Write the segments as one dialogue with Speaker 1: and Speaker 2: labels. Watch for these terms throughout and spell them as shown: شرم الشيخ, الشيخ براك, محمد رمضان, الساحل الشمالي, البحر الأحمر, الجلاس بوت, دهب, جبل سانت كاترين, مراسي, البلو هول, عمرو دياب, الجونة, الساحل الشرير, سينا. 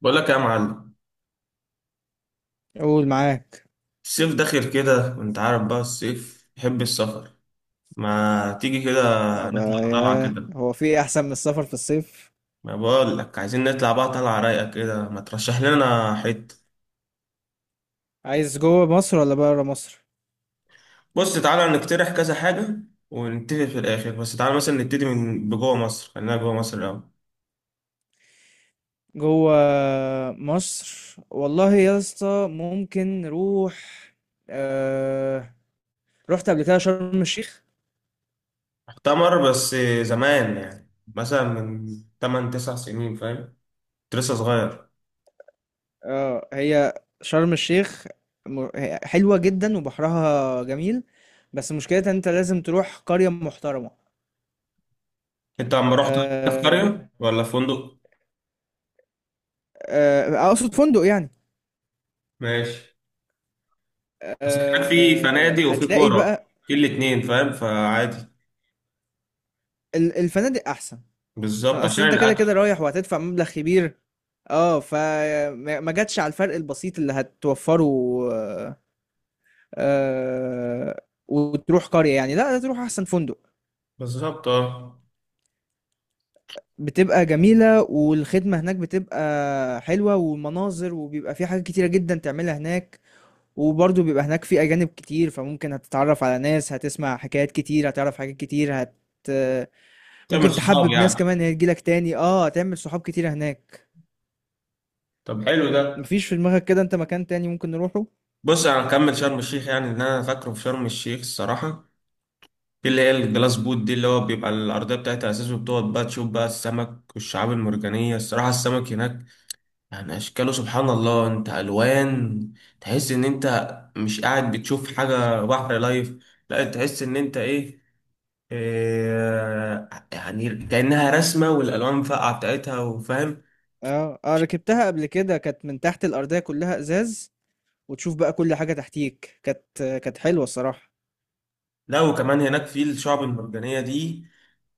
Speaker 1: بقول لك يا معلم،
Speaker 2: قول معاك.
Speaker 1: الصيف داخل كده وانت عارف بقى الصيف يحب السفر. ما تيجي كده
Speaker 2: أبقى
Speaker 1: نطلع طلعة
Speaker 2: يا
Speaker 1: كده؟
Speaker 2: هو في إيه احسن من السفر في الصيف؟
Speaker 1: ما بقول لك عايزين نطلع بقى طلعة رايقة كده، ما ترشح لنا حتة.
Speaker 2: عايز جوه مصر ولا بره مصر؟
Speaker 1: بص تعالى نقترح كذا حاجة ونتفق في الآخر، بس تعالى مثلا نبتدي من بجوه مصر، خلينا جوه مصر الأول.
Speaker 2: جوه مصر والله يا اسطى، ممكن نروح. آه... رحت قبل كده شرم الشيخ.
Speaker 1: مؤتمر بس، زمان، يعني مثلا من 8 9 سنين، فاهم؟ كنت لسه صغير.
Speaker 2: اه، هي شرم الشيخ، هي حلوة جدا وبحرها جميل، بس مشكلتها انت لازم تروح قرية محترمة.
Speaker 1: انت عم رحت في قرية
Speaker 2: آه...
Speaker 1: ولا في فندق؟
Speaker 2: اقصد فندق يعني.
Speaker 1: ماشي. بس كان في فنادق وفي
Speaker 2: هتلاقي
Speaker 1: كوره،
Speaker 2: بقى
Speaker 1: في الاتنين، فاهم؟ فعادي.
Speaker 2: الفنادق احسن.
Speaker 1: بالظبط،
Speaker 2: اصل
Speaker 1: عشان
Speaker 2: انت كده
Speaker 1: الاكل.
Speaker 2: كده رايح وهتدفع مبلغ كبير، اه فما ما جاتش على الفرق البسيط اللي هتوفره. آه آه، وتروح قرية يعني، لا تروح احسن فندق.
Speaker 1: بالظبط، اه.
Speaker 2: بتبقى جميلة والخدمة هناك بتبقى حلوة والمناظر، وبيبقى في حاجات كتيرة جدا تعملها هناك. وبرضه بيبقى هناك في أجانب كتير، فممكن هتتعرف على ناس، هتسمع حكايات كتير، هتعرف حاجات كتير،
Speaker 1: تعمل
Speaker 2: ممكن
Speaker 1: صحاب
Speaker 2: تحبب
Speaker 1: يعني.
Speaker 2: ناس كمان هتجيلك تاني، اه، هتعمل صحاب كتيرة هناك.
Speaker 1: طب حلو ده.
Speaker 2: مفيش في دماغك كده انت مكان تاني ممكن نروحه؟
Speaker 1: بص، انا هكمل شرم الشيخ، يعني ان انا فاكره في شرم الشيخ الصراحه، في اللي هي الجلاس بوت دي، اللي هو بيبقى الارضيه بتاعتها اساس، وبتقعد بقى تشوف بقى السمك والشعاب المرجانيه. الصراحه السمك هناك يعني اشكاله، سبحان الله، انت الوان، تحس ان انت مش قاعد بتشوف حاجه بحر لايف، لا تحس ان انت ايه، آه، يعني كأنها رسمة والألوان فاقعة بتاعتها، وفاهم.
Speaker 2: آه، آه، ركبتها قبل كده، كانت من تحت الأرضية كلّها إزاز، وتشوف بقى كل حاجة تحتيك، كانت حلوة الصراحة.
Speaker 1: لا وكمان هناك في الشعب المرجانية دي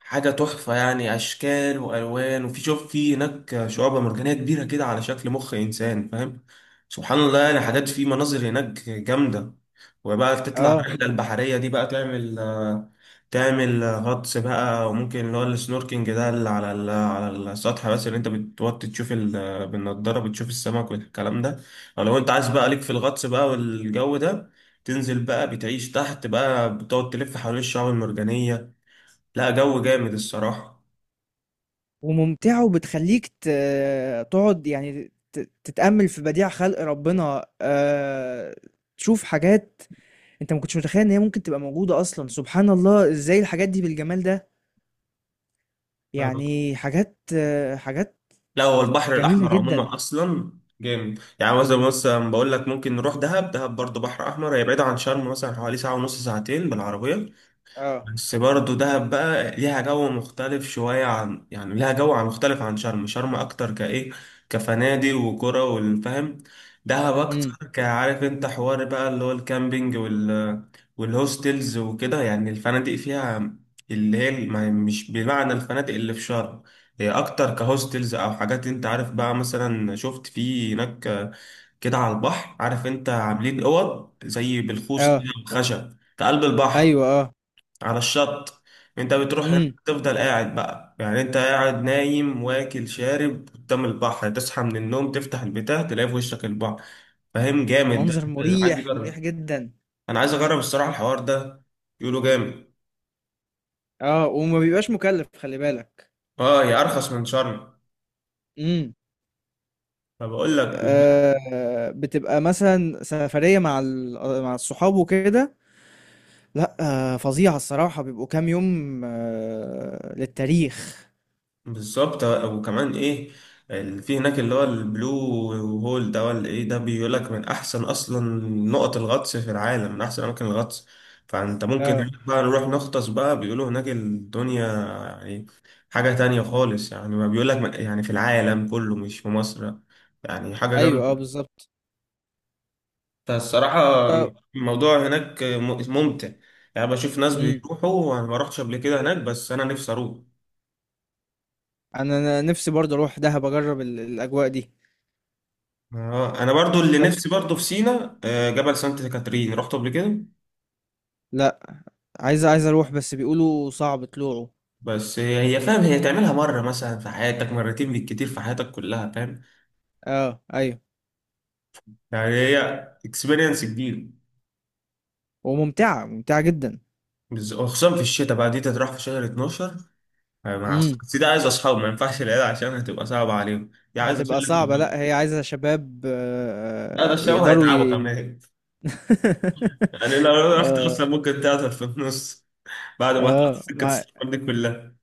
Speaker 1: حاجة تحفة، يعني أشكال وألوان، وفي، شوف، في هناك شعاب مرجانية كبيرة كده على شكل مخ إنسان، فاهم؟ سبحان الله، يعني حاجات، في مناظر هناك جامدة. وبقى تطلع
Speaker 2: آه،
Speaker 1: الرحلة البحرية دي بقى، تعمل تعمل غطس بقى، وممكن اللي هو السنوركينج ده اللي على على السطح بس، اللي انت بتوطي تشوف بالنضارة بتشوف السمك والكلام ده. او لو انت عايز بقى ليك في الغطس بقى والجو ده، تنزل بقى، بتعيش تحت بقى، بتقعد تلف حوالين الشعاب المرجانية. لا جو جامد الصراحة.
Speaker 2: وممتعة وبتخلّيك تقعد يعني تتأمّل في بديع خلق ربنا، تشوف حاجات أنت ما كنتش متخيّل إن هي ممكن تبقى موجودة أصلًا، سبحان الله إزاي الحاجات دي بالجمال ده،
Speaker 1: فاهم؟
Speaker 2: يعني حاجات
Speaker 1: لا هو البحر
Speaker 2: جميلة
Speaker 1: الأحمر
Speaker 2: جدًا.
Speaker 1: عموما أصلا جامد. يعني مثلا بقول لك ممكن نروح دهب، دهب برضه بحر أحمر، هي بعيدة عن شرم مثلا حوالي ساعة ونص ساعتين بالعربية.
Speaker 2: آه.
Speaker 1: بس برضه دهب بقى ليها جو مختلف شوية، عن يعني ليها جو مختلف عن شرم. شرم أكتر كإيه، كفنادق وكرة والفهم. دهب اه
Speaker 2: إمم.
Speaker 1: أكتر كعارف أنت، حوار بقى اللي هو الكامبينج، والهوستلز وكده. يعني الفنادق فيها اللي هي مش بمعنى الفنادق اللي في شرم، هي أكتر كهوستلز أو حاجات. أنت عارف بقى، مثلا شفت في هناك كده على البحر، عارف أنت عاملين أوض زي بالخوص
Speaker 2: آه.
Speaker 1: كده، خشب في قلب البحر،
Speaker 2: أيوه. آه.
Speaker 1: على الشط. انت بتروح هناك
Speaker 2: إمم.
Speaker 1: تفضل قاعد بقى، يعني انت قاعد نايم واكل شارب قدام البحر، تصحى من النوم تفتح البتاع تلاقي في وشك البحر، فاهم؟ جامد ده،
Speaker 2: منظر
Speaker 1: انت عايز
Speaker 2: مُريح، مُريح
Speaker 1: اجرب.
Speaker 2: جدًا.
Speaker 1: انا عايز اجرب الصراحة الحوار ده، يقولوا جامد.
Speaker 2: اه، وما بيبقاش مكلف، خلي بالك.
Speaker 1: اه هي ارخص من شرم.
Speaker 2: امم.
Speaker 1: فبقول لك.
Speaker 2: آه، بتبقى مثلا سفرية مع مع الصحاب وكده. لا. آه، فظيعة الصراحة، بيبقوا كام يوم، آه، للتاريخ.
Speaker 1: بالظبط، وكمان ايه، في هناك اللي هو البلو هول ده ولا ايه ده، بيقول لك من احسن اصلا نقط الغطس في العالم، من احسن اماكن الغطس. فانت ممكن
Speaker 2: اه،
Speaker 1: هناك بقى نروح نغطس بقى، بيقولوا هناك الدنيا، يعني حاجة تانية خالص. يعني ما بيقول لك يعني في العالم كله، مش في مصر، يعني حاجة
Speaker 2: ايوه، اه،
Speaker 1: جامدة.
Speaker 2: بالظبط.
Speaker 1: فالصراحة
Speaker 2: طب.
Speaker 1: الموضوع هناك ممتع، يعني بشوف ناس
Speaker 2: امم.
Speaker 1: بيروحوا، وانا ما رحتش قبل كده هناك، بس انا نفسي اروح.
Speaker 2: أنا نفسي برضه اروح دهب اجرب الاجواء دي.
Speaker 1: آه انا برضو اللي
Speaker 2: طب.
Speaker 1: نفسي برضو في سينا، آه، جبل سانت كاترين رحت قبل كده.
Speaker 2: لا. عايز اروح بس بيقولوا صعب طلوعه.
Speaker 1: بس هي فاهم، هي تعملها مره مثلا في حياتك، مرتين بالكتير في حياتك كلها، فاهم؟
Speaker 2: اه، ايوه.
Speaker 1: يعني هي اكسبيرينس كبير.
Speaker 2: وممتعة ممتعة جدا.
Speaker 1: وخصوصا في الشتاء بقى، دي تروح في شهر 12، آه، مع
Speaker 2: امم.
Speaker 1: دي عايز اصحاب، ما ينفعش العيال عشان هتبقى صعبه عليهم، دي عايز اشيل
Speaker 2: هتبقى
Speaker 1: لك.
Speaker 2: صعبة. لا، هي عايزة شباب،
Speaker 1: لا ده
Speaker 2: آه، آه،
Speaker 1: الشباب
Speaker 2: يقدروا
Speaker 1: هيتعبوا
Speaker 2: ي...
Speaker 1: كمان. يعني لو رحت
Speaker 2: اه.
Speaker 1: اصلا ممكن تعطل في النص بعد ما هتقطع
Speaker 2: اه
Speaker 1: سكه
Speaker 2: مع...
Speaker 1: السفر دي كلها.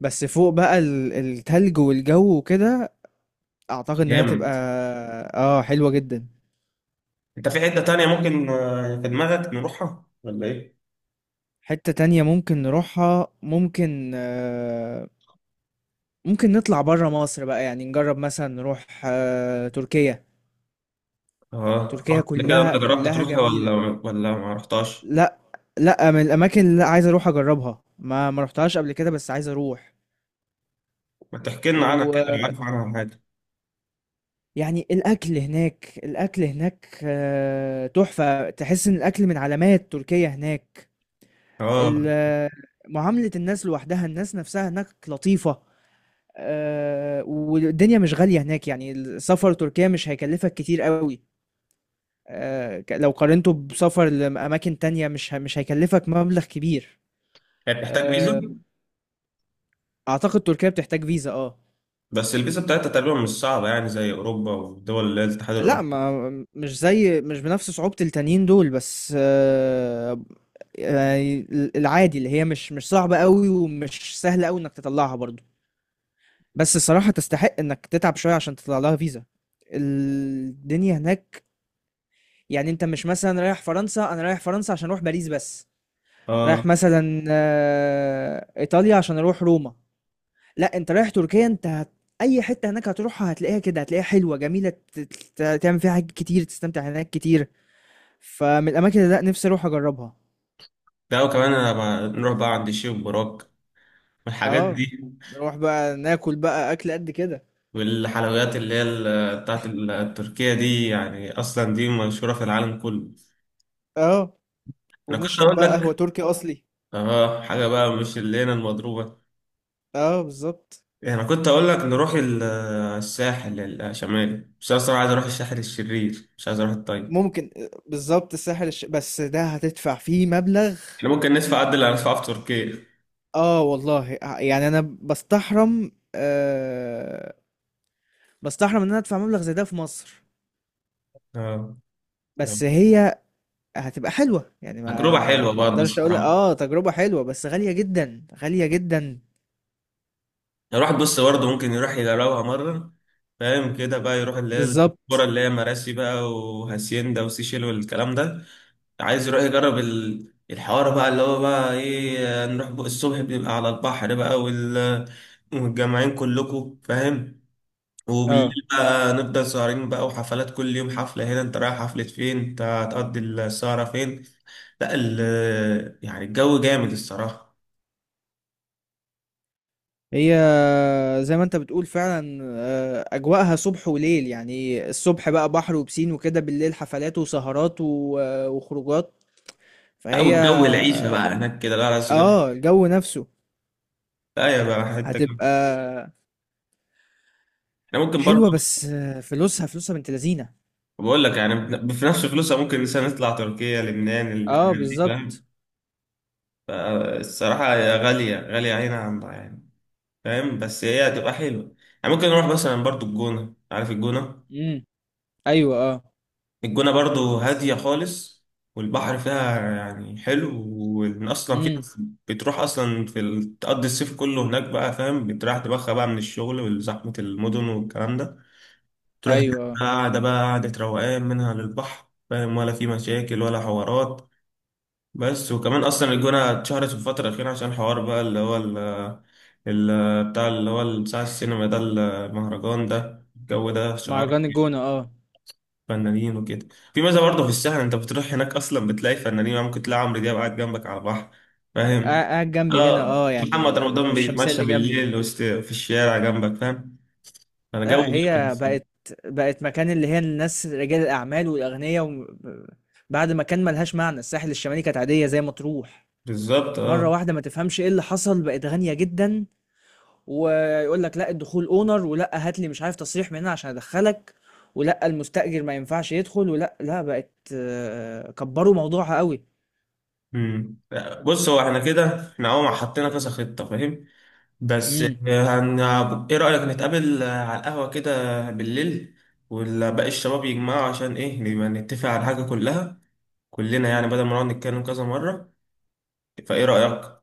Speaker 2: بس فوق بقى التلج والجو وكده، اعتقد ان هي تبقى،
Speaker 1: جامد.
Speaker 2: اه، حلوة جدا.
Speaker 1: انت في حته تانيه ممكن آه، في دماغك نروحها ولا ايه؟
Speaker 2: حتة تانية ممكن نروحها، ممكن آه، ممكن نطلع برا مصر بقى، يعني نجرب مثلا نروح تركيا.
Speaker 1: اه
Speaker 2: تركيا
Speaker 1: رحت قبل كده؟ انت
Speaker 2: كلها
Speaker 1: جربت
Speaker 2: كلها
Speaker 1: تروح ولا
Speaker 2: جميلة.
Speaker 1: ولا ما رحتاش؟
Speaker 2: لا. لا، من الاماكن اللي عايز اروح اجربها، ما رحتهاش قبل كده بس عايز اروح.
Speaker 1: ما تحكي لنا عنها
Speaker 2: و...
Speaker 1: كده لو عارف عنها حاجه.
Speaker 2: يعني الأكل هناك، الأكل هناك، تحفة، تحس إن الأكل من علامات تركيا هناك.
Speaker 1: اه
Speaker 2: ال- آه، معاملة الناس لوحدها، الناس نفسها هناك لطيفة. والدنيا مش غالية هناك، يعني السفر تركيا مش هيكلفك كتير قوي. آه، لو قارنته بسفر لأماكن تانية، مش هيكلفك مبلغ كبير.
Speaker 1: هي بتحتاج فيزا؟
Speaker 2: آه، أعتقد تركيا بتحتاج فيزا، اه.
Speaker 1: بس الفيزا بتاعتها تقريبا مش صعبه، يعني زي اوروبا والدول اللي هي الاتحاد
Speaker 2: لا،
Speaker 1: الاوروبي.
Speaker 2: ما مش زي، مش بنفس صعوبة التانيين دول، بس آه، العادي اللي هي مش صعبة قوي ومش سهلة قوي انك تطلعها برضو. بس الصراحة تستحق انك تتعب شوية عشان تطلع لها فيزا. الدنيا هناك، يعني انت مش مثلا رايح فرنسا، انا رايح فرنسا عشان اروح باريس بس. رايح
Speaker 1: اه.
Speaker 2: مثلا ايطاليا عشان اروح روما. لا انت رايح تركيا، انت اي حتة هناك هتروحها هتلاقيها كده، هتلاقيها حلوة جميلة، تعمل فيها حاجات كتير، تستمتع هناك كتير. فمن الاماكن اللي لا نفسي اروح اجربها.
Speaker 1: لا وكمان نروح بقى عند الشيخ براك والحاجات
Speaker 2: اه،
Speaker 1: دي.
Speaker 2: نروح بقى ناكل بقى اكل قد كده.
Speaker 1: والحلويات اللي هي بتاعت التركية دي، يعني أصلا دي مشهورة في العالم كله.
Speaker 2: اه،
Speaker 1: أنا كنت
Speaker 2: ونشرب
Speaker 1: أقول
Speaker 2: بقى قهوة
Speaker 1: لك،
Speaker 2: تركي اصلي.
Speaker 1: آه، حاجة بقى مش اللي هنا المضروبة.
Speaker 2: اه، بالظبط.
Speaker 1: يعني كنت اقول لك نروح الساحل الشمالي، بس انا الصراحه عايز اروح الساحل الشرير، مش عايز اروح الطيب.
Speaker 2: ممكن آه، بالظبط الساحل بس ده هتدفع فيه مبلغ.
Speaker 1: احنا ممكن ندفع قد اللي هندفعه في تركيا.
Speaker 2: اه والله، آه، يعني انا بستحرم ان انا ادفع مبلغ زي ده في مصر.
Speaker 1: اه. نعم.
Speaker 2: بس هي هتبقى حلوة يعني،
Speaker 1: تجربه
Speaker 2: ما
Speaker 1: حلوه
Speaker 2: ما
Speaker 1: برضه
Speaker 2: اقدرش اقول،
Speaker 1: الصراحه، يعني
Speaker 2: اه، تجربة حلوة بس غالية جدا، غالية جدا.
Speaker 1: الواحد بص برضه ممكن يروح يجربها مره، فاهم كده؟ بقى يروح اللي هي الكرة
Speaker 2: بالظبط،
Speaker 1: اللي هي مراسي بقى، وهاسيندا وسيشيل والكلام ده. عايز يروح يجرب الحوار بقى، اللي هو بقى ايه، نروح بقى الصبح، بنبقى على البحر بقى ومتجمعين كلكم، فاهم؟ وبالليل
Speaker 2: اه.
Speaker 1: بقى نفضل سهرين بقى، وحفلات كل يوم، حفلة هنا، انت رايح حفلة فين، انت هتقضي السهرة فين. لا ال يعني الجو جامد الصراحة.
Speaker 2: هي زي ما انت بتقول فعلا، آه، اجواءها صبح وليل، يعني الصبح بقى بحر وبسين وكده، بالليل حفلات وسهرات وخروجات.
Speaker 1: لا
Speaker 2: فهي،
Speaker 1: والجو، العيشة بقى هناك كده، لا سجارة،
Speaker 2: اه الجو نفسه
Speaker 1: لا، يا بقى حتة جامدة.
Speaker 2: هتبقى
Speaker 1: احنا ممكن برضه،
Speaker 2: حلوة، بس آه، فلوسها فلوسها بنت لذينة.
Speaker 1: بقول لك يعني، في نفس فلوسها ممكن مثلا نطلع تركيا، لبنان،
Speaker 2: اه،
Speaker 1: الحاجات دي، فاهم؟
Speaker 2: بالظبط.
Speaker 1: فالصراحة هي غالية، غالية هنا عندها يعني، فاهم؟ بس هي هتبقى حلوة. يعني ممكن نروح مثلا برضه الجونة، عارف الجونة؟
Speaker 2: امم. ايوه، اه.
Speaker 1: الجونة برضو هادية خالص، والبحر فيها يعني حلو، وإن أصلا في
Speaker 2: امم.
Speaker 1: ناس بتروح أصلا في تقضي الصيف كله هناك بقى، فاهم؟ بتريح دماغها بقى من الشغل وزحمة المدن والكلام ده. تروح هناك
Speaker 2: ايوه،
Speaker 1: بقى
Speaker 2: اه.
Speaker 1: قاعدة بقى، قاعدة روقان منها للبحر، فاهم؟ ولا في مشاكل ولا حوارات. بس وكمان أصلا الجونة اتشهرت في الفترة الأخيرة عشان حوار بقى اللي هو بتاع اللي هو بتاع السينما ده، المهرجان ده، الجو ده شهر
Speaker 2: مهرجان الجونة، اه.
Speaker 1: فنانين وكده. في ميزه برضه في السهل، انت بتروح هناك اصلا بتلاقي فنانين، يعني ممكن تلاقي عمرو دياب قاعد جنبك على البحر، فاهم؟
Speaker 2: قاعد جنبي هنا،
Speaker 1: اه
Speaker 2: اه، يعني.
Speaker 1: محمد
Speaker 2: في
Speaker 1: رمضان
Speaker 2: الشمسية
Speaker 1: بيتمشى
Speaker 2: اللي جنبي.
Speaker 1: بالليل وسط في الشارع جنبك، فاهم؟ انا جو
Speaker 2: لأ، هي
Speaker 1: جامد.
Speaker 2: بقت مكان اللي هي الناس، رجال الأعمال والأغنيا، و بعد ما كان ما لهاش معنى، الساحل الشمالي كانت عادية زي مطروح.
Speaker 1: بالظبط
Speaker 2: مرّة
Speaker 1: اه.
Speaker 2: واحدة ما تفهمش إيه اللي حصل، بقت غالية جدًا، ويقول لك لأ الدخول honor، ولأ هات لي مش عارف تصريح من هنا عشان أدخّلك، ولأ المستأجر ما ينفعش يدخل، ولأ، لأ، بقت كبّروا موضوعها أوي.
Speaker 1: امم. بص هو احنا كده، احنا اهو حطينا كذا خطه، فاهم؟ بس آه،
Speaker 2: إمم.
Speaker 1: هن... ايه رايك نتقابل آه، على القهوه كده بالليل، ولا باقي الشباب يجمعوا، عشان ايه، نبقى نتفق على الحاجه كلها كلنا، يعني بدل ما نقعد نتكلم كذا مره. فايه رايك؟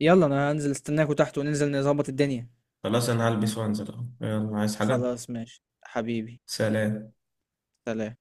Speaker 2: يالّا أنا هانزل أستناكم تحت وننزل نضبّط الدنيا.
Speaker 1: خلاص، انا هلبس وانزل اهو، يلا عايز حاجة؟
Speaker 2: خلاص ماشي، حبيبي،
Speaker 1: سلام.
Speaker 2: سلام.